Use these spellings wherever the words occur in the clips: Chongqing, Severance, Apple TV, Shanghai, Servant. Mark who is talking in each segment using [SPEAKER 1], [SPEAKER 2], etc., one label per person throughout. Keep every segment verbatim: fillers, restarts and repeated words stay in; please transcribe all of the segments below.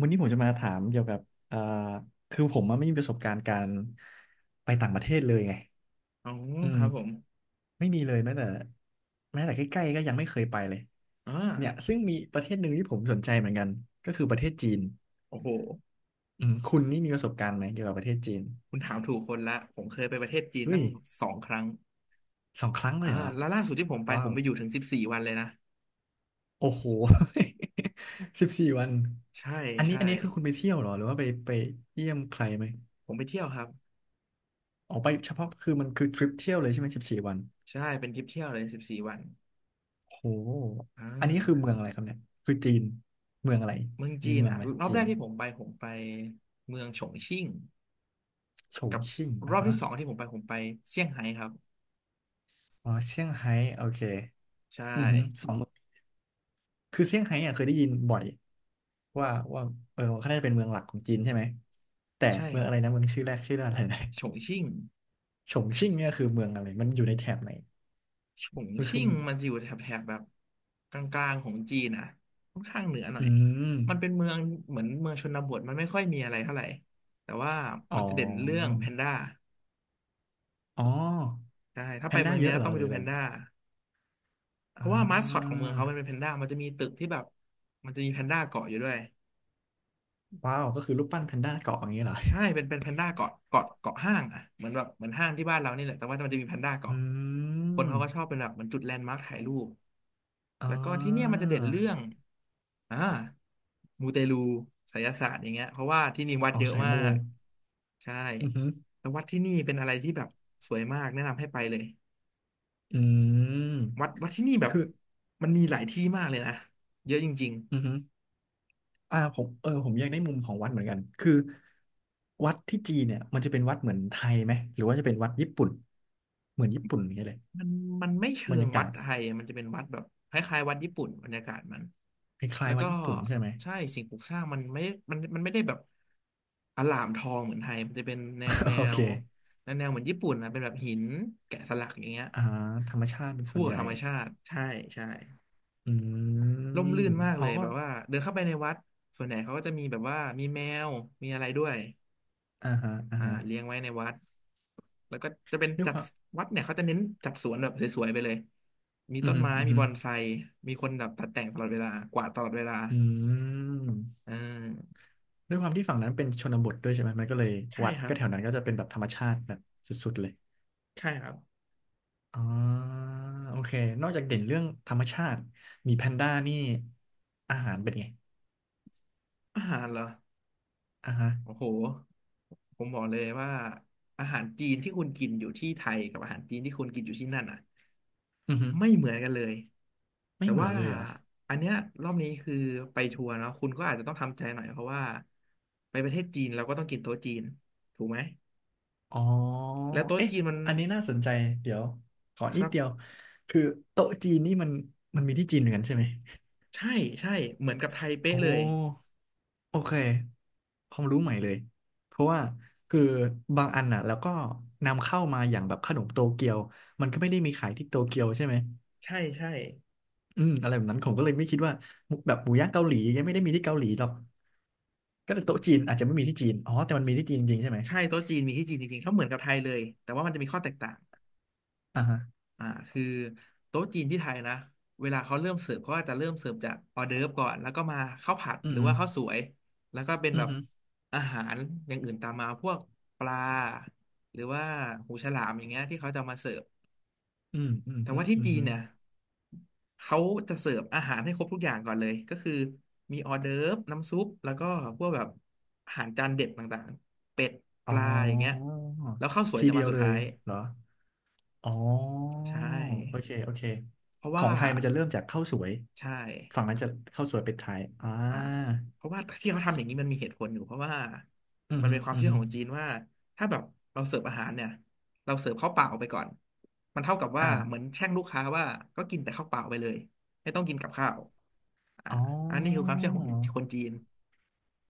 [SPEAKER 1] วันนี้ผมจะมาถามเกี่ยวกับเอ่อคือผมอะไม่มีประสบการณ์การไปต่างประเทศเลยไง
[SPEAKER 2] อ๋อ
[SPEAKER 1] อื
[SPEAKER 2] ค
[SPEAKER 1] ม
[SPEAKER 2] รับผม
[SPEAKER 1] ไม่มีเลยแม้แต่แม้แต่ใกล้ๆก็ยังไม่เคยไปเลย
[SPEAKER 2] อ่า
[SPEAKER 1] เนี่ยซึ่งมีประเทศหนึ่งที่ผมสนใจเหมือนกันก็คือประเทศจีน
[SPEAKER 2] โอ้โห
[SPEAKER 1] อืมคุณนี่มีประสบการณ์ไหมเกี่ยวกับประเทศจีน
[SPEAKER 2] คุณถามถูกคนละผมเคยไปประเทศจีน
[SPEAKER 1] เฮ้
[SPEAKER 2] ตั้
[SPEAKER 1] ย
[SPEAKER 2] งสองครั้ง
[SPEAKER 1] สองครั้งเลย
[SPEAKER 2] อ่า
[SPEAKER 1] เหรอ
[SPEAKER 2] แล้วล่าสุดที่ผมไป
[SPEAKER 1] ว้า
[SPEAKER 2] ผ
[SPEAKER 1] ว
[SPEAKER 2] มไปอยู่ถึงสิบสี่วันเลยนะ
[SPEAKER 1] โอ้โห สิบสี่วัน
[SPEAKER 2] ใช่
[SPEAKER 1] อันนี้
[SPEAKER 2] ใช่
[SPEAKER 1] อันนี้คือคุณไปเที่ยวเหรอหรือว่าไปไปเยี่ยมใครไหม
[SPEAKER 2] ผมไปเที่ยวครับ
[SPEAKER 1] ออกไปเฉพาะคือมันคือทริปเที่ยวเลยใช่ไหมสิบสี่วัน
[SPEAKER 2] ใช่เป็นทริปเที่ยวเลยสิบสี่วัน
[SPEAKER 1] โอ้
[SPEAKER 2] อ่
[SPEAKER 1] อันนี้คือ
[SPEAKER 2] า
[SPEAKER 1] เมืองอะไรครับเนี่ยคือจีน เมืองอะไร
[SPEAKER 2] เมือง
[SPEAKER 1] มี
[SPEAKER 2] จีน
[SPEAKER 1] เมือง
[SPEAKER 2] อ่ะ
[SPEAKER 1] ไหม
[SPEAKER 2] รอบ
[SPEAKER 1] จี
[SPEAKER 2] แร
[SPEAKER 1] น
[SPEAKER 2] กที่ผมไปผมไปเมืองฉงชิ่ง
[SPEAKER 1] โฉชิ่ง
[SPEAKER 2] ร
[SPEAKER 1] อ่ะ
[SPEAKER 2] อบ
[SPEAKER 1] ฮะ
[SPEAKER 2] ที่สองที่ผมไปผมไปเซี่ยงไฮ้ครับ
[SPEAKER 1] อ๋อเซี่ยงไฮ้โอเค
[SPEAKER 2] ใช่
[SPEAKER 1] อือหือสองคือเซี่ยงไฮ้อ่ะเคยได้ยินบ่อย ว่าว่าเออเขาน่าจะเป็นเมืองหลักของจีนใช่ไหม แต่
[SPEAKER 2] ใช่
[SPEAKER 1] เมืองอะไรนะเมืองชื่อแรกชื่ออะไรนะ
[SPEAKER 2] ฉงชิ่ง
[SPEAKER 1] ฉงชิ่งเนี่ยคือเมืองอะไร มันอยู่ในแถบไหน
[SPEAKER 2] ฉง
[SPEAKER 1] มันคือ
[SPEAKER 2] ชิ่งมันจะอยู่แถบแถบแบบกลางๆของจีนนะค่อนข้างเหนือหน่อ
[SPEAKER 1] อื
[SPEAKER 2] ย
[SPEAKER 1] ม
[SPEAKER 2] มันเป็นเมืองเหมือนเมืองชนบทมันไม่ค่อยมีอะไรเท่าไหร่แต่ว่า
[SPEAKER 1] อ๋
[SPEAKER 2] มันจะเด่นเรื่อง
[SPEAKER 1] อ
[SPEAKER 2] แพนด้า
[SPEAKER 1] อ๋อ
[SPEAKER 2] ใช่ถ้า
[SPEAKER 1] แพ
[SPEAKER 2] ไป
[SPEAKER 1] นด้า
[SPEAKER 2] เมือง
[SPEAKER 1] เย
[SPEAKER 2] เนี้
[SPEAKER 1] อะ
[SPEAKER 2] ย
[SPEAKER 1] เหร
[SPEAKER 2] ต้
[SPEAKER 1] อ
[SPEAKER 2] องไป
[SPEAKER 1] หรือ
[SPEAKER 2] ดู
[SPEAKER 1] อะ
[SPEAKER 2] แพ
[SPEAKER 1] ไร
[SPEAKER 2] นด้าเพ
[SPEAKER 1] อ่
[SPEAKER 2] ราะว่ามาสคอตของ
[SPEAKER 1] า
[SPEAKER 2] เมืองเขามันเป็นแพนด้ามันจะมีตึกที่แบบมันจะมีแพนด้าเกาะอยู่ด้วย
[SPEAKER 1] ว้าวก็คือรูปปั้นแพนด้าเกาะอย่างนี้เหรอ
[SPEAKER 2] ใช่เป็นเป็นแพนด้าเกาะเกาะเกาะห้างอ่ะเหมือนแบบเหมือนห้างที่บ้านเรานี่แหละแต่ว่ามันจะมีแพนด้าเกาะ
[SPEAKER 1] อื
[SPEAKER 2] คนเขา
[SPEAKER 1] ม
[SPEAKER 2] ก็ชอบเป็นแบบเหมือนจุดแลนด์มาร์คถ่ายรูป
[SPEAKER 1] อ่
[SPEAKER 2] แล้วก็ที่เนี่ยมัน
[SPEAKER 1] า
[SPEAKER 2] จะเด่นเรื่อง อ่ามูเตลูไสยศาสตร์อย่างเงี้ยเพราะว่าที่นี่วัด
[SPEAKER 1] อ๋อ
[SPEAKER 2] เยอะ
[SPEAKER 1] สาย
[SPEAKER 2] มา
[SPEAKER 1] มู
[SPEAKER 2] กใช่
[SPEAKER 1] อือหือ
[SPEAKER 2] แล้ววัดที่นี่เป็นอะไรที่แบบสวยมากแนะนำให้ไปเลย
[SPEAKER 1] อืม
[SPEAKER 2] วัดวัดที่นี่แบบ
[SPEAKER 1] คือ
[SPEAKER 2] มันมีหลายที่มากเลยนะเยอะจริง
[SPEAKER 1] อือหืออ่าผมเออผมอยากได้มุมของวัดเหมือนกัน คือวัดที่จีนเนี่ยมันจะเป็นวัดเหมือนไทยไหมหรือว่าจะเป็นวัดญี่ปุ่น เหมือนญี่ปุ่นอย่างเงี้ยเลย
[SPEAKER 2] ๆมันมันไม่เชิ
[SPEAKER 1] บรร
[SPEAKER 2] ง
[SPEAKER 1] ยากา
[SPEAKER 2] วัด
[SPEAKER 1] ศ
[SPEAKER 2] ไทยอะมันจะเป็นวัดแบบคล้ายๆวัดญี่ปุ่นบรรยากาศมัน
[SPEAKER 1] คล้า
[SPEAKER 2] แล้
[SPEAKER 1] ย
[SPEAKER 2] ว
[SPEAKER 1] ๆวั
[SPEAKER 2] ก็
[SPEAKER 1] ดญี่ปุ่นใช่ไหม
[SPEAKER 2] ใช่สิ่งปลูกสร้างมันไม่มันมันไม่ได้แบบอลามทองเหมือนไทยมันจะเป็นแนวแน
[SPEAKER 1] โอเค
[SPEAKER 2] วแนวแนวเหมือนญี่ปุ่นนะเป็นแบบหินแกะสลักอย่างเงี้ย
[SPEAKER 1] อ่าธรรมชาติเป็นส่
[SPEAKER 2] คู่
[SPEAKER 1] วน
[SPEAKER 2] กั
[SPEAKER 1] ให
[SPEAKER 2] บ
[SPEAKER 1] ญ่
[SPEAKER 2] ธรรมชาติใช่ใช่
[SPEAKER 1] อื
[SPEAKER 2] ร่
[SPEAKER 1] ม
[SPEAKER 2] มรื่นมาก
[SPEAKER 1] อ๋
[SPEAKER 2] เล
[SPEAKER 1] อ
[SPEAKER 2] ย
[SPEAKER 1] ก็
[SPEAKER 2] แบบว่าเดินเข้าไปในวัดส่วนใหญ่เขาก็จะมีแบบว่ามีแมวมีอะไรด้วย
[SPEAKER 1] อ่าฮะอ่า
[SPEAKER 2] อ่า
[SPEAKER 1] ฮะ
[SPEAKER 2] เลี้ยงไว้ในวัดแล้วก็จะเป็น
[SPEAKER 1] ด้วย
[SPEAKER 2] จั
[SPEAKER 1] ค
[SPEAKER 2] ด
[SPEAKER 1] วาม
[SPEAKER 2] วัดเนี่ยเขาจะเน้นจัดสวนแบบสวยๆไปเลยมี
[SPEAKER 1] อือ
[SPEAKER 2] ต้น
[SPEAKER 1] หือ
[SPEAKER 2] ไม้
[SPEAKER 1] อือ
[SPEAKER 2] มี
[SPEAKER 1] หือ
[SPEAKER 2] บอนไซมีคนแบบตัดแต่งตลอดเวลากวาดตลอดเวลา
[SPEAKER 1] อืม
[SPEAKER 2] เออ
[SPEAKER 1] ด้วยความที่ฝั่งนั้นเป็นชนบทด้วยใช่ไหม มันก็เลย
[SPEAKER 2] ใช่
[SPEAKER 1] วัด
[SPEAKER 2] ครั
[SPEAKER 1] ก็
[SPEAKER 2] บ
[SPEAKER 1] แถวนั้นก็จะเป็นแบบธรรมชาติแบบสุดๆเลย
[SPEAKER 2] ใช่ครับ
[SPEAKER 1] อ๋อโอเค นอกจากเด่นเรื่องธรรมชาติมีแพนด้านี่อาหารเป็นไง
[SPEAKER 2] อาหารเหรอ
[SPEAKER 1] อ่ะฮะ
[SPEAKER 2] โอ้โหผมบอกเลยว่าอาหารจีนที่คุณกินอยู่ที่ไทยกับอาหารจีนที่คุณกินอยู่ที่นั่นอ่ะ
[SPEAKER 1] อือฮึ
[SPEAKER 2] ไม่เหมือนกันเลย
[SPEAKER 1] ไม่
[SPEAKER 2] แต่
[SPEAKER 1] เหมือ
[SPEAKER 2] ว่า
[SPEAKER 1] นเลยเหรอ
[SPEAKER 2] อันเนี้ยรอบนี้คือไปทัวร์เนาะคุณก็อาจจะต้องทำใจหน่อยเพราะว่าไปประเทศจีนเราก็ต้องกินโต๊ะจีนถูกไหม
[SPEAKER 1] อ๋อ
[SPEAKER 2] แล้วโต๊ะ
[SPEAKER 1] เอ๊ะ
[SPEAKER 2] จีนมัน
[SPEAKER 1] อันนี้น่าสนใจ เดี๋ยวขอ
[SPEAKER 2] ค
[SPEAKER 1] นิด
[SPEAKER 2] รั
[SPEAKER 1] เดียว
[SPEAKER 2] บ
[SPEAKER 1] คือโต๊ะจีนนี่มันมันมีที่จีนเหมือนกันใช่ไหม
[SPEAKER 2] ใช่ใช่เหมือนกับไทย
[SPEAKER 1] โอ
[SPEAKER 2] เป๊ะเลย
[SPEAKER 1] ้ โอเคความรู้ใหม่เลยเพราะว่าคือบางอันน่ะแล้วก็นำเข้ามาอย่างแบบขนมโตเกียวมันก็ไม่ได้มีขายที่โตเกียวใช่ไหม
[SPEAKER 2] ใช่ใช่
[SPEAKER 1] อืมอะไรแบบนั้นผมก็เลยไม่คิดว่ามุกแบบหมูย่างเกาหลียังไม่ได้มีที่เกาหลีหรอกก็แต่
[SPEAKER 2] โต๊ะ
[SPEAKER 1] โต๊ะจีนอาจจะไม่มีที่จีนอ๋อแต่มันมีที่จีนจริงๆใช่ไหม
[SPEAKER 2] ใช่โต๊ะจีนมีที่จีนจริงๆเขาเหมือนกับไทยเลยแต่ว่ามันจะมีข้อแตกต่าง
[SPEAKER 1] อ่าฮะ
[SPEAKER 2] อ่าคือโต๊ะจีนที่ไทยนะเวลาเขาเริ่มเสิร์ฟเขาก็จะเริ่มเสิร์ฟจากออเดิร์ฟก่อนแล้วก็มาข้าวผัด
[SPEAKER 1] อื
[SPEAKER 2] หรือ
[SPEAKER 1] ม
[SPEAKER 2] ว่าข้าวสวยแล้วก็เป็น
[SPEAKER 1] อื
[SPEAKER 2] แบ
[SPEAKER 1] ม
[SPEAKER 2] บ
[SPEAKER 1] อื
[SPEAKER 2] อาหารอย่างอื่นตามมาพวกปลาหรือว่าหูฉลามอย่างเงี้ยที่เขาจะมาเสิร์ฟ
[SPEAKER 1] มอืมอืม
[SPEAKER 2] แต่
[SPEAKER 1] อื
[SPEAKER 2] ว่า
[SPEAKER 1] ม
[SPEAKER 2] ที่จี
[SPEAKER 1] อื
[SPEAKER 2] น
[SPEAKER 1] ม
[SPEAKER 2] เนี่ยเขาจะเสิร์ฟอาหารให้ครบทุกอย่างก่อนเลยก็คือมีออเดิร์ฟน้ำซุปแล้วก็พวกแบบอาหารจานเด็ดต่างๆเป็ดป
[SPEAKER 1] อ๋
[SPEAKER 2] ลาอย่างเงี้ย
[SPEAKER 1] อ
[SPEAKER 2] แล้วข้าวสวย
[SPEAKER 1] ที
[SPEAKER 2] จะ
[SPEAKER 1] เดี
[SPEAKER 2] มา
[SPEAKER 1] ยว
[SPEAKER 2] สุด
[SPEAKER 1] เล
[SPEAKER 2] ท้า
[SPEAKER 1] ย
[SPEAKER 2] ย
[SPEAKER 1] เหรอ อ๋อ
[SPEAKER 2] ใช
[SPEAKER 1] โอ
[SPEAKER 2] ่
[SPEAKER 1] เคโอเค
[SPEAKER 2] เพราะ
[SPEAKER 1] ขอ
[SPEAKER 2] ว่า
[SPEAKER 1] งไทยมันจะเริ่มจากข้าวสวย
[SPEAKER 2] ใช่
[SPEAKER 1] ฝั่งนั้นจะข้าวสวยเป็ดไทยอ่า
[SPEAKER 2] อ่าเพราะว่าที่เขาทำอย่างนี้มันมีเหตุผลอยู่เพราะว่า
[SPEAKER 1] อือ
[SPEAKER 2] มัน
[SPEAKER 1] ฮึ
[SPEAKER 2] เป็นความ
[SPEAKER 1] อือ
[SPEAKER 2] เชื่อ
[SPEAKER 1] ฮึ
[SPEAKER 2] ของจีนว่าถ้าแบบเราเสิร์ฟอาหารเนี่ยเราเสิร์ฟข้าวเปล่าไปก่อนมันเท่ากับว่าเหมือน
[SPEAKER 1] อ่า
[SPEAKER 2] แช่งลูกค้าว่าก็กินแต่ข้าวเปล่าไปเลยไม่ต้องกินกับข้าวอ่า
[SPEAKER 1] อ๋อ
[SPEAKER 2] อันนี้คือความเชื่อของคนจีน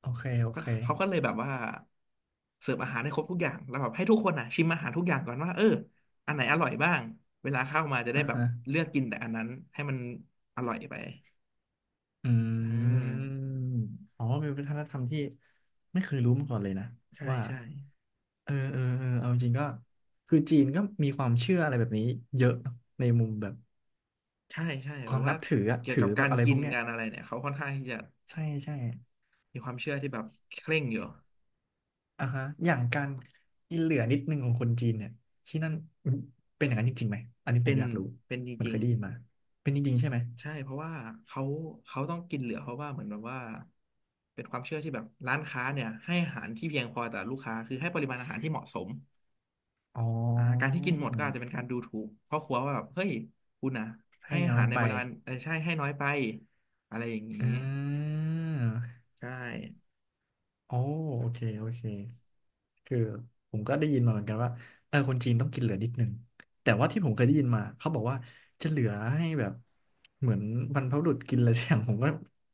[SPEAKER 1] โอเคโอ
[SPEAKER 2] ก็
[SPEAKER 1] เค
[SPEAKER 2] เขาก็เลยแบบว่าเสิร์ฟอาหารให้ครบทุกอย่างแล้วแบบให้ทุกคนอ่ะชิมอาหารทุกอย่างก่อนว่าเอออันไหนอร่อยบ้างเวลาเข้ามาจะได้
[SPEAKER 1] อ่า
[SPEAKER 2] แบบ
[SPEAKER 1] ฮะ
[SPEAKER 2] เลือกกินแต่อันนั้นให้มันอร่อยไป
[SPEAKER 1] อื
[SPEAKER 2] อ่า
[SPEAKER 1] มอ๋อเป็นวัฒนธรรมที่ไม่เคยรู้มาก่อนเลยนะ
[SPEAKER 2] ใช่
[SPEAKER 1] ว่า
[SPEAKER 2] ใช่
[SPEAKER 1] เออเออเออเอาจริงๆก็คือจีนก็มีความเชื่ออะไรแบบนี้เยอะเนอะในมุมแบบ
[SPEAKER 2] ใช่ใช่
[SPEAKER 1] ค
[SPEAKER 2] แบ
[SPEAKER 1] วา
[SPEAKER 2] บ
[SPEAKER 1] ม
[SPEAKER 2] ว่า
[SPEAKER 1] นับถืออะ
[SPEAKER 2] เกี่ยว
[SPEAKER 1] ถื
[SPEAKER 2] กั
[SPEAKER 1] อ
[SPEAKER 2] บ
[SPEAKER 1] แบ
[SPEAKER 2] กา
[SPEAKER 1] บ
[SPEAKER 2] ร
[SPEAKER 1] อะไร
[SPEAKER 2] กิ
[SPEAKER 1] พว
[SPEAKER 2] น
[SPEAKER 1] กเนี้ย
[SPEAKER 2] การอะไรเนี่ยเขาค่อนข้างที่จะ
[SPEAKER 1] ใช่ใช่
[SPEAKER 2] มีความเชื่อที่แบบเคร่งอยู่
[SPEAKER 1] อ่าฮะอย่างการกินเหลือนิดนึงของคนจีนเนี่ยที่นั่นเป็นอย่างนั้นจริงๆไหมอันนี้ผ
[SPEAKER 2] เป็
[SPEAKER 1] ม
[SPEAKER 2] น
[SPEAKER 1] อยากรู้
[SPEAKER 2] เป็นจ
[SPEAKER 1] มัน
[SPEAKER 2] ริ
[SPEAKER 1] เค
[SPEAKER 2] ง
[SPEAKER 1] ยได้
[SPEAKER 2] ๆ
[SPEAKER 1] ยินมา เป็นจริงๆใช่ไหม
[SPEAKER 2] ใช่เพราะว่าเขาเขาต้องกินเหลือเพราะว่าเหมือนแบบว่าเป็นความเชื่อที่แบบร้านค้าเนี่ยให้อาหารที่เพียงพอแต่อลูกค้าคือให้ปริมาณอาหารที่เหมาะสม
[SPEAKER 1] อ๋อ
[SPEAKER 2] อ่าการที่กินหมดก็อาจจะเป็นการดูถูกพรอครัวว่าแบบเฮ้ยคุณนะ
[SPEAKER 1] ให้
[SPEAKER 2] ให้อา
[SPEAKER 1] น้อ
[SPEAKER 2] หา
[SPEAKER 1] ย
[SPEAKER 2] รใน
[SPEAKER 1] ไป
[SPEAKER 2] ปริมาณเออใช่ให้น้อยไปอะไรอย่างนี้
[SPEAKER 1] อ่า
[SPEAKER 2] ใช่
[SPEAKER 1] โอ้โอเคโอเคคือผมก็ได้ยินมาเหมือนกันว่า เออ คนจีนต้องกินเหลือนิดนึงแต่ว่าที่ผมเคยได้ยินมาเขาบอกว่าจะเหลือให้แบบเหมือนบรรพบุรุษกินอะไรสักอย่างผมก็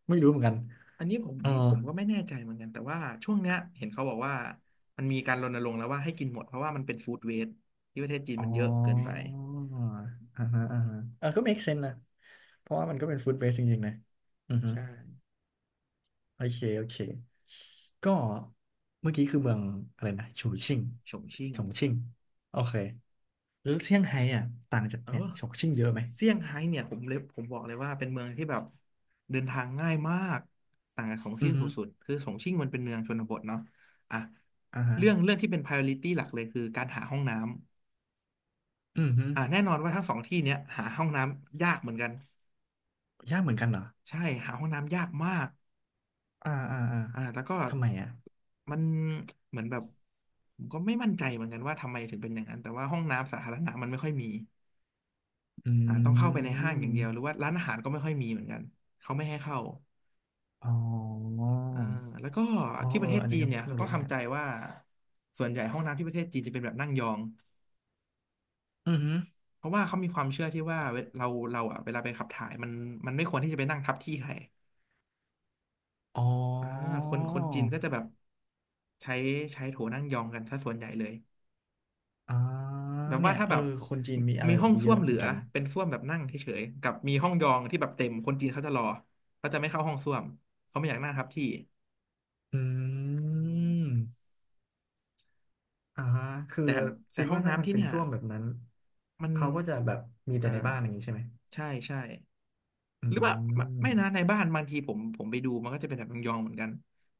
[SPEAKER 1] ไม่รู้เหมือนกัน
[SPEAKER 2] อันนี้ผม
[SPEAKER 1] เออ
[SPEAKER 2] ผมก็ไม่แน่ใจเหมือนกันแต่ว่าช่วงเนี้ยเห็นเขาบอกว่ามันมีการรณรงค์แล้วว่าให้กินหมดเพราะว่ามันเป็นฟู้ดเวสต์ที่ประเทศจีน
[SPEAKER 1] อ๋อ
[SPEAKER 2] มันเยอะเกินไป
[SPEAKER 1] อ่าฮะอ่าฮะเออก็ เมค เซนส์ นะเพราะว่ามันก็เป็น ฟู้ด เวสต์ จริงๆนะอือฮึ
[SPEAKER 2] ใช่
[SPEAKER 1] โอเคโอเคก็เมื่อกี้คือเมืองอะไรนะฉู
[SPEAKER 2] ฉ
[SPEAKER 1] ชิ่ง
[SPEAKER 2] งฉงชิ่ง
[SPEAKER 1] ฉงชิ่งโอเคแล้วเซี่ยงไฮ้อ่ะต่างจาก
[SPEAKER 2] เอ
[SPEAKER 1] เนี่ย
[SPEAKER 2] อ
[SPEAKER 1] ฉงชิ่งเยอะไหม
[SPEAKER 2] เซี่ยงไฮ้เนี่ยผมเลยผมบอกเลยว่าเป็นเมืองที่แบบเดินทางง่ายมากต่างกับของ
[SPEAKER 1] อื
[SPEAKER 2] ซิ่
[SPEAKER 1] อ
[SPEAKER 2] ง
[SPEAKER 1] ฮึ
[SPEAKER 2] สุดๆคือฉงชิ่งมันเป็นเมืองชนบทเนาะอ่ะ
[SPEAKER 1] อ่าฮะ
[SPEAKER 2] เรื่องเรื่องที่เป็น priority หลักเลยคือการหาห้องน้ำ
[SPEAKER 1] อือฮึ
[SPEAKER 2] อ่ะแน่นอนว่าทั้งสองที่เนี้ยหาห้องน้ำยากเหมือนกัน
[SPEAKER 1] ยากเหมือนกันเหรอ
[SPEAKER 2] ใช่หาห้องน้ำยากมาก
[SPEAKER 1] อ่าอ่าอ่า
[SPEAKER 2] อ่าแล้วก็
[SPEAKER 1] ทำไมอ่ะ
[SPEAKER 2] มันเหมือนแบบผมก็ไม่มั่นใจเหมือนกันว่าทำไมถึงเป็นอย่างนั้นแต่ว่าห้องน้ำสาธารณะมันไม่ค่อยมี
[SPEAKER 1] อื
[SPEAKER 2] อ่าต้องเข้าไปในห้างอย่างเดียวหรือ
[SPEAKER 1] ม
[SPEAKER 2] ว่าร้านอาหารก็ไม่ค่อยมีเหมือนกันเขาไม่ให้เข้า
[SPEAKER 1] อ๋อ
[SPEAKER 2] อ่าแล้วก็
[SPEAKER 1] อ๋อ
[SPEAKER 2] ที่ป
[SPEAKER 1] เอ
[SPEAKER 2] ระ
[SPEAKER 1] อ
[SPEAKER 2] เทศ
[SPEAKER 1] อัน
[SPEAKER 2] จี
[SPEAKER 1] นี้
[SPEAKER 2] น
[SPEAKER 1] ก็
[SPEAKER 2] เนี่ย
[SPEAKER 1] เพิ่ง
[SPEAKER 2] เขาต้อ
[SPEAKER 1] รู้
[SPEAKER 2] ง
[SPEAKER 1] เหมือนกั
[SPEAKER 2] ทำ
[SPEAKER 1] น
[SPEAKER 2] ใจว่าส่วนใหญ่ห้องน้ำที่ประเทศจีนจะเป็นแบบนั่งยอง
[SPEAKER 1] อือฮึ
[SPEAKER 2] เพราะว่าเขามีความเชื่อที่ว่าเวเราเราอ่ะเวลาไปขับถ่ายมันมันไม่ควรที่จะไปนั่งทับที่ใคร
[SPEAKER 1] อ๋อ
[SPEAKER 2] อ่าคนคนจีนก็จะแบบใช้ใช้โถนั่งยองกันซะส่วนใหญ่เลย
[SPEAKER 1] อ๋อ
[SPEAKER 2] แบบ
[SPEAKER 1] เนี่
[SPEAKER 2] ว่า
[SPEAKER 1] ย
[SPEAKER 2] ถ้า
[SPEAKER 1] เอ
[SPEAKER 2] แบ
[SPEAKER 1] อ
[SPEAKER 2] บ
[SPEAKER 1] คนจีนมีอะไร
[SPEAKER 2] มี
[SPEAKER 1] แบ
[SPEAKER 2] ห้อ
[SPEAKER 1] บ
[SPEAKER 2] ง
[SPEAKER 1] นี้เย
[SPEAKER 2] ส้วม
[SPEAKER 1] อะ
[SPEAKER 2] เห
[SPEAKER 1] เห
[SPEAKER 2] ลื
[SPEAKER 1] มือน
[SPEAKER 2] อ
[SPEAKER 1] กัน
[SPEAKER 2] เป็นส้วมแบบนั่งเฉยๆกับมีห้องยองที่แบบเต็มคนจีนเขาจะรอเขาจะไม่เข้าห้องส้วมเขาไม่อยากนั่งทับที่
[SPEAKER 1] อื
[SPEAKER 2] อืม
[SPEAKER 1] มอ่าฮะคือ
[SPEAKER 2] แต่แต่
[SPEAKER 1] คิด
[SPEAKER 2] ห้อง
[SPEAKER 1] ว่าถ้ามั
[SPEAKER 2] น้ำ
[SPEAKER 1] น
[SPEAKER 2] ที่
[SPEAKER 1] เป็น
[SPEAKER 2] เนี่ย
[SPEAKER 1] ส้วมแบบนั้น
[SPEAKER 2] มัน
[SPEAKER 1] เขาก็จะแบบมีแต่
[SPEAKER 2] อ่า
[SPEAKER 1] ในบ้านอย่างนี้ใช่ไหม
[SPEAKER 2] ใช่ใช่
[SPEAKER 1] อื
[SPEAKER 2] หรือว่าไม่
[SPEAKER 1] ม
[SPEAKER 2] ไม่นะในบ้านบางทีผมผมไปดูมันก็จะเป็นแบบยองๆเหมือนกัน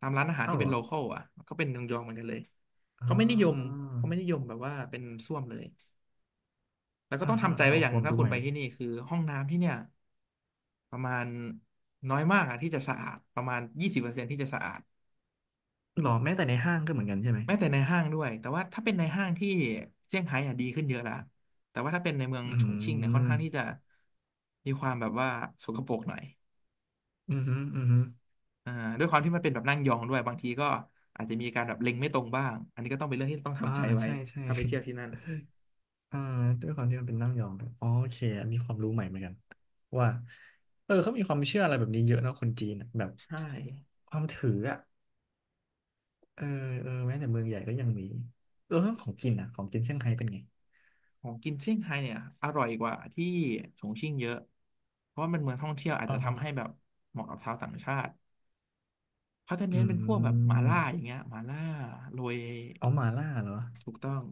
[SPEAKER 2] ตามร้านอาหาร
[SPEAKER 1] เอ้า
[SPEAKER 2] ที่
[SPEAKER 1] เห
[SPEAKER 2] เป็
[SPEAKER 1] ร
[SPEAKER 2] น
[SPEAKER 1] อ
[SPEAKER 2] โลคอลอ่ะก็เป็นยองๆเหมือนกันเลย
[SPEAKER 1] อ่
[SPEAKER 2] เขาไม่นิยม
[SPEAKER 1] า
[SPEAKER 2] เขาไม่นิยมแบบว่าเป็นส้วมเลยแล้วก็
[SPEAKER 1] อ่า
[SPEAKER 2] ต้อง
[SPEAKER 1] ฮะ
[SPEAKER 2] ทำใจ
[SPEAKER 1] อ่าฮะ
[SPEAKER 2] ไว้อ
[SPEAKER 1] โอ้
[SPEAKER 2] ย่าง
[SPEAKER 1] โค
[SPEAKER 2] หนึ่
[SPEAKER 1] วา
[SPEAKER 2] ง
[SPEAKER 1] ม
[SPEAKER 2] ถ้า
[SPEAKER 1] รู้
[SPEAKER 2] คุ
[SPEAKER 1] ให
[SPEAKER 2] ณ
[SPEAKER 1] ม่
[SPEAKER 2] ไป
[SPEAKER 1] เลย
[SPEAKER 2] ที่นี่คือห้องน้ำที่เนี่ย ประมาณน้อยมากอะที่จะสะอาดประมาณยี่สิบเปอร์เซ็นต์ที่จะสะอาด
[SPEAKER 1] หรอแม้แต่ในห้างก็เหมือนกันใช่ไหม
[SPEAKER 2] แม้แต่ในห้างด้วยแต่ว่าถ้าเป็นในห้างที่เซี่ยงไฮ้อะดีขึ้นเยอะละแต่ว่าถ้าเป็นในเมือง
[SPEAKER 1] อื
[SPEAKER 2] ฉงชิ่งเนี่ยค่อนข้าง
[SPEAKER 1] ม
[SPEAKER 2] ที่จะมีความแบบว่าสกปรกหน่อย
[SPEAKER 1] อืมอหืมออือหือ
[SPEAKER 2] อ่าด้วยความที่มันเป็นแบบนั่งยองด้วยบางทีก็อาจจะมีการแบบเล็งไม่ตรงบ้างอันนี้ก็ต้องเป็นเรื่องที่ต้อง
[SPEAKER 1] อ่า
[SPEAKER 2] ทำใจไว้
[SPEAKER 1] ใช่ใช่
[SPEAKER 2] ถ้าไปเที่ยวที่นั่น
[SPEAKER 1] อ่าด้วยความที่มันเป็นนั่งยองด้วยอ๋อโอเคอันนี้ความรู้ใหม่เหมือนกันว่าเออเขามีความเชื่ออะไรแบบนี้เยอะเนอะคนจีนอะแบบ
[SPEAKER 2] ใช่
[SPEAKER 1] ความถืออ่ะเออเออแม้แต่เมืองใหญ่ก็ยังมีเออเรื่องของกินอ่ะของกินเซี่ยงไฮ้เป็นไง
[SPEAKER 2] ของกินเซี่ยงไฮ้เนี่ยอร่อยกว่าที่ฉงชิ่งเยอะเพราะว่ามันเมืองท่องเที่ยวอาจ
[SPEAKER 1] อ๋อ
[SPEAKER 2] จะทำให้แบบเหมาะกับชาวต่างชาติ เขาจะ
[SPEAKER 1] อื
[SPEAKER 2] เน้นเป็นพวกแบบหม่าล่าอย่า
[SPEAKER 1] ม
[SPEAKER 2] งเงี้ยหม่าล่าโรย
[SPEAKER 1] เอาหม่าล่าเหรอ
[SPEAKER 2] ถูกต้อง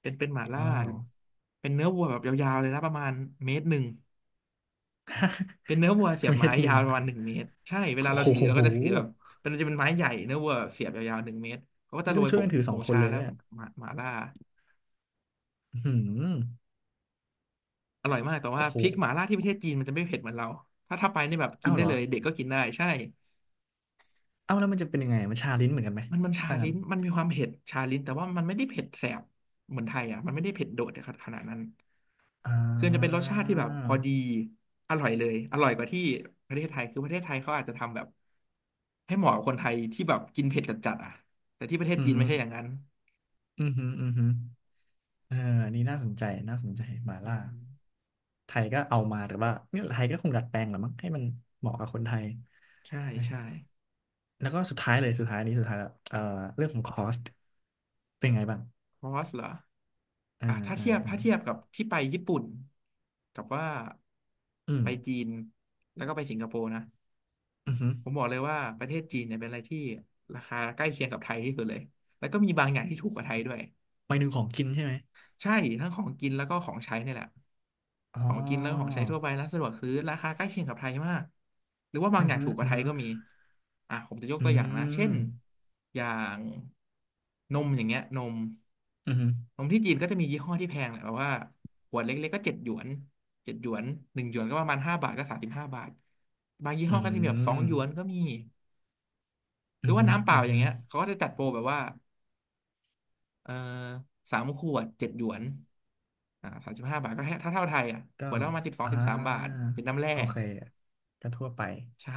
[SPEAKER 2] เป็นเป็นหม่าล่า
[SPEAKER 1] ว้าว
[SPEAKER 2] เป็นเนื้อวัวแบบยาวๆเลยนะประมาณเมตรหนึ่งเป็นเนื้อวัวเสี ยบ
[SPEAKER 1] เม็
[SPEAKER 2] ไม้
[SPEAKER 1] ดห
[SPEAKER 2] ยา
[SPEAKER 1] นึ่ง
[SPEAKER 2] วประมาณหนึ่งเมตรใช่เวลา
[SPEAKER 1] โอ้
[SPEAKER 2] เราถือเรา
[SPEAKER 1] โห
[SPEAKER 2] ก็จะถือแบบเป็นจะเป็นไม้ใหญ่เนื้อวัวเสียบยาวๆหนึ่งเมตรเขาก็จะ
[SPEAKER 1] นี่
[SPEAKER 2] โร
[SPEAKER 1] ต้อง
[SPEAKER 2] ย
[SPEAKER 1] ช่
[SPEAKER 2] ผ
[SPEAKER 1] วยกั
[SPEAKER 2] ง
[SPEAKER 1] นถือ
[SPEAKER 2] ผ
[SPEAKER 1] สอง
[SPEAKER 2] ง
[SPEAKER 1] คน
[SPEAKER 2] ชา
[SPEAKER 1] เลย
[SPEAKER 2] แล้ว
[SPEAKER 1] นะเนี่ย
[SPEAKER 2] หมาหมาล่า
[SPEAKER 1] อื้อหืม
[SPEAKER 2] อร่อยมากแต่ว่า
[SPEAKER 1] โอ้โห
[SPEAKER 2] พริกหมาล่าที่ประเทศจีนมันจะไม่เผ็ดเหมือนเราถ้าถ้าไปนี่แบบกิน
[SPEAKER 1] เอ้าว
[SPEAKER 2] ได้
[SPEAKER 1] เหรอ
[SPEAKER 2] เลยเด็กก็กินได้ใช่
[SPEAKER 1] เอ้าวแล้วมันจะเป็นยังไงมันชาลิ้นเหมือนกันไหม
[SPEAKER 2] มันมันชา
[SPEAKER 1] ต่างกั
[SPEAKER 2] ลิ้
[SPEAKER 1] น
[SPEAKER 2] นมันมีความเผ็ดชาลิ้นแต่ว่ามันไม่ได้เผ็ดแสบเหมือนไทยอ่ะมันไม่ได้เผ็ดโดดขนาดนั้น
[SPEAKER 1] อ่
[SPEAKER 2] คือจะเป็นรส
[SPEAKER 1] า
[SPEAKER 2] ชาติที่แบบพอดีอร่อยเลยอร่อยกว่าที่ประเทศไทยคือประเทศไทยเขาอาจจะทำแบบให้เหมาะกับคนไทยที่แบบกินเผ็ดจัดๆอ่ะแต่ที่ประเทศ
[SPEAKER 1] อือ
[SPEAKER 2] จีน
[SPEAKER 1] หื
[SPEAKER 2] ไม่
[SPEAKER 1] อ
[SPEAKER 2] ใช่อย่างนั้น
[SPEAKER 1] อือหืออือหือเอออันนี่น่าสนใจน่าสนใจหมา
[SPEAKER 2] อื
[SPEAKER 1] ล่า
[SPEAKER 2] ม
[SPEAKER 1] ไทยก็เอามา แต่ว่าเนี่ยไทยก็คงดัดแปลงแหละมั้งให้มันเหมาะกับคนไทย
[SPEAKER 2] ใช่ใช่
[SPEAKER 1] แล้วก็สุดท้ายเลยสุดท้ายอันนี้สุดท้ายแล้วเอ่อเรื่องของคอสเป็นไงบ้าง
[SPEAKER 2] คอสเหรอ
[SPEAKER 1] อ่า
[SPEAKER 2] อ่ะถ้า
[SPEAKER 1] อ่า
[SPEAKER 2] เทียบ
[SPEAKER 1] อ่า
[SPEAKER 2] ถ้าเทียบกับที่ไปญี่ปุ่นกับว่า
[SPEAKER 1] อืม
[SPEAKER 2] ไปจีนแล้วก็ไปสิงคโปร์นะ
[SPEAKER 1] อือหือ
[SPEAKER 2] ผมบอกเลยว่าประเทศจีนเนี่ยเป็นอะไรที่ราคาใกล้เคียงกับไทยที่สุดเลยแล้วก็มีบางอย่างที่ถูกกว่าไทยด้วย
[SPEAKER 1] หมายถึงของกินใช่ไหม
[SPEAKER 2] ใช่ทั้งของกินแล้วก็ของใช้เนี่ยแหละ
[SPEAKER 1] อ๋อ
[SPEAKER 2] ของกินแล้วก็ของใช้ทั่วไปร้านสะดวกซื้อราคาใกล้เคียงกับไทยมาก หรือว่าบาง
[SPEAKER 1] อื
[SPEAKER 2] อ
[SPEAKER 1] อ
[SPEAKER 2] ย่าง
[SPEAKER 1] หื
[SPEAKER 2] ถู
[SPEAKER 1] อ
[SPEAKER 2] กกว่า
[SPEAKER 1] อือ
[SPEAKER 2] ไทย
[SPEAKER 1] หือ
[SPEAKER 2] ก็มีอ่ะผมจะยก
[SPEAKER 1] อื
[SPEAKER 2] ตัวอย่างนะ เช่
[SPEAKER 1] ม
[SPEAKER 2] นอย่างนมอย่างเงี้ยนม
[SPEAKER 1] อือหือ
[SPEAKER 2] นมที่จีนก็จะมียี่ห้อที่แพงแหละแบบว่าขวดเล็กๆก็เจ็ดหยวนเจ็ดหยวนหนึ่งหยวนก็ประมาณห้าบาทก็สามสิบห้าบาทบางยี่
[SPEAKER 1] อื
[SPEAKER 2] ห้อก็จะมีแบบสองหยวน
[SPEAKER 1] ม
[SPEAKER 2] ก็มี ห
[SPEAKER 1] อื
[SPEAKER 2] รือ
[SPEAKER 1] อ
[SPEAKER 2] ว่า
[SPEAKER 1] หือ
[SPEAKER 2] น้ำเป
[SPEAKER 1] อื
[SPEAKER 2] ล่า
[SPEAKER 1] อ
[SPEAKER 2] อย่า
[SPEAKER 1] หื
[SPEAKER 2] ง
[SPEAKER 1] อ
[SPEAKER 2] เงี้ยเขาก็จะจัดโปรแบบว่าเออสามขวดเจ็ดหยวนอ่าสามสิบห้าบาทก็แค่ถ้าเท่าไทยอ่ะข
[SPEAKER 1] ก็
[SPEAKER 2] วดละประมาณสิบสอง
[SPEAKER 1] อ่
[SPEAKER 2] สิบสามบาท
[SPEAKER 1] า
[SPEAKER 2] เป็นน้ำแร่
[SPEAKER 1] โอเคก็ทั่วไป
[SPEAKER 2] ใช่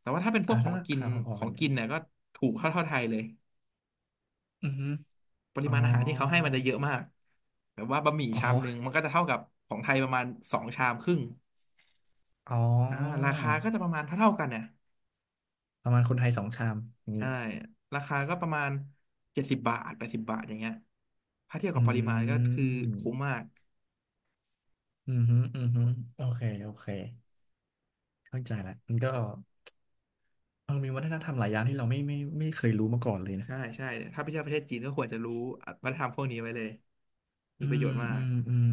[SPEAKER 2] แต่ว่าถ้าเป็นพ
[SPEAKER 1] อ่า
[SPEAKER 2] วกขอ
[SPEAKER 1] ก็
[SPEAKER 2] ง
[SPEAKER 1] รา
[SPEAKER 2] กิน
[SPEAKER 1] คาพอ
[SPEAKER 2] ข
[SPEAKER 1] ๆ
[SPEAKER 2] อ
[SPEAKER 1] กั
[SPEAKER 2] ง
[SPEAKER 1] นอยู่
[SPEAKER 2] กินเนี่ยก็ถูกเท่าเท่าไทยเลย
[SPEAKER 1] อือฮ
[SPEAKER 2] ปริ
[SPEAKER 1] อ๋อ
[SPEAKER 2] มาณอาหารที่เขาให้มันจะเยอะมากแบบว่าบะหมี่
[SPEAKER 1] อ๋อ
[SPEAKER 2] ชามหนึ่งมันก็จะเท่ากับของไทยประมาณสองชามครึ่ง
[SPEAKER 1] อ๋อ
[SPEAKER 2] อ่าราคาก็จะประมาณเท่าเท่ากันเนี่ย
[SPEAKER 1] ประมาณคนไทยสองชามนี้
[SPEAKER 2] ใช่ราคาก็ประมาณเจ็ดสิบบาทแปดสิบบาทอย่างเงี้ยถ้าเทียบกั
[SPEAKER 1] อื
[SPEAKER 2] บปริมาณก็คือคุ้ม
[SPEAKER 1] ม
[SPEAKER 2] มาก
[SPEAKER 1] อืมฮึอืมฮึโอเคโอเคเข้าใจละมันก็เออมีวัฒนธรรมหลายอย่างที่เราไม่ไม่ไม่เคยรู้มาก่อนเลยนะ
[SPEAKER 2] ใช่ใช่ถ้าไปเที่ยวประเทศจีนก็ควรจะรู้วัฒนธรรมพวกนี้ไว้เลยมี
[SPEAKER 1] อื
[SPEAKER 2] ประโย
[SPEAKER 1] ม
[SPEAKER 2] ชน์มา
[SPEAKER 1] อื
[SPEAKER 2] ก
[SPEAKER 1] มอืม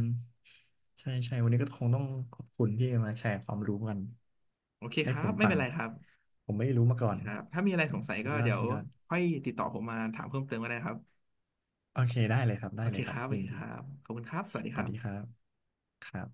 [SPEAKER 1] ใช่ใช่วันนี้ก็คงต้องขอบคุณที่มาแชร์ความรู้กัน
[SPEAKER 2] โอเคค
[SPEAKER 1] ให้
[SPEAKER 2] รั
[SPEAKER 1] ผ
[SPEAKER 2] บ
[SPEAKER 1] ม
[SPEAKER 2] ไม่
[SPEAKER 1] ฟั
[SPEAKER 2] เป็
[SPEAKER 1] ง
[SPEAKER 2] นไรครับ
[SPEAKER 1] ผมไม่รู้มาก่อน
[SPEAKER 2] ครับถ้ามีอะไร
[SPEAKER 1] อื
[SPEAKER 2] ส
[SPEAKER 1] ม
[SPEAKER 2] งสัย
[SPEAKER 1] สุ
[SPEAKER 2] ก็
[SPEAKER 1] ดยอด
[SPEAKER 2] เดี๋ยว
[SPEAKER 1] สุดยอด
[SPEAKER 2] ค่อยติดต่อผมมาถามเพิ่มเติมก็ได้นะครับ
[SPEAKER 1] โอเค ได้เลยครับ
[SPEAKER 2] โอ
[SPEAKER 1] ได้เล
[SPEAKER 2] เค
[SPEAKER 1] ยค
[SPEAKER 2] ค
[SPEAKER 1] รับ
[SPEAKER 2] รับโอ
[SPEAKER 1] ยิน
[SPEAKER 2] เคค
[SPEAKER 1] ดี
[SPEAKER 2] รับขอบคุณครับส
[SPEAKER 1] ส
[SPEAKER 2] วัสดีค
[SPEAKER 1] วัส
[SPEAKER 2] รั
[SPEAKER 1] ดีค
[SPEAKER 2] บ
[SPEAKER 1] รับครับ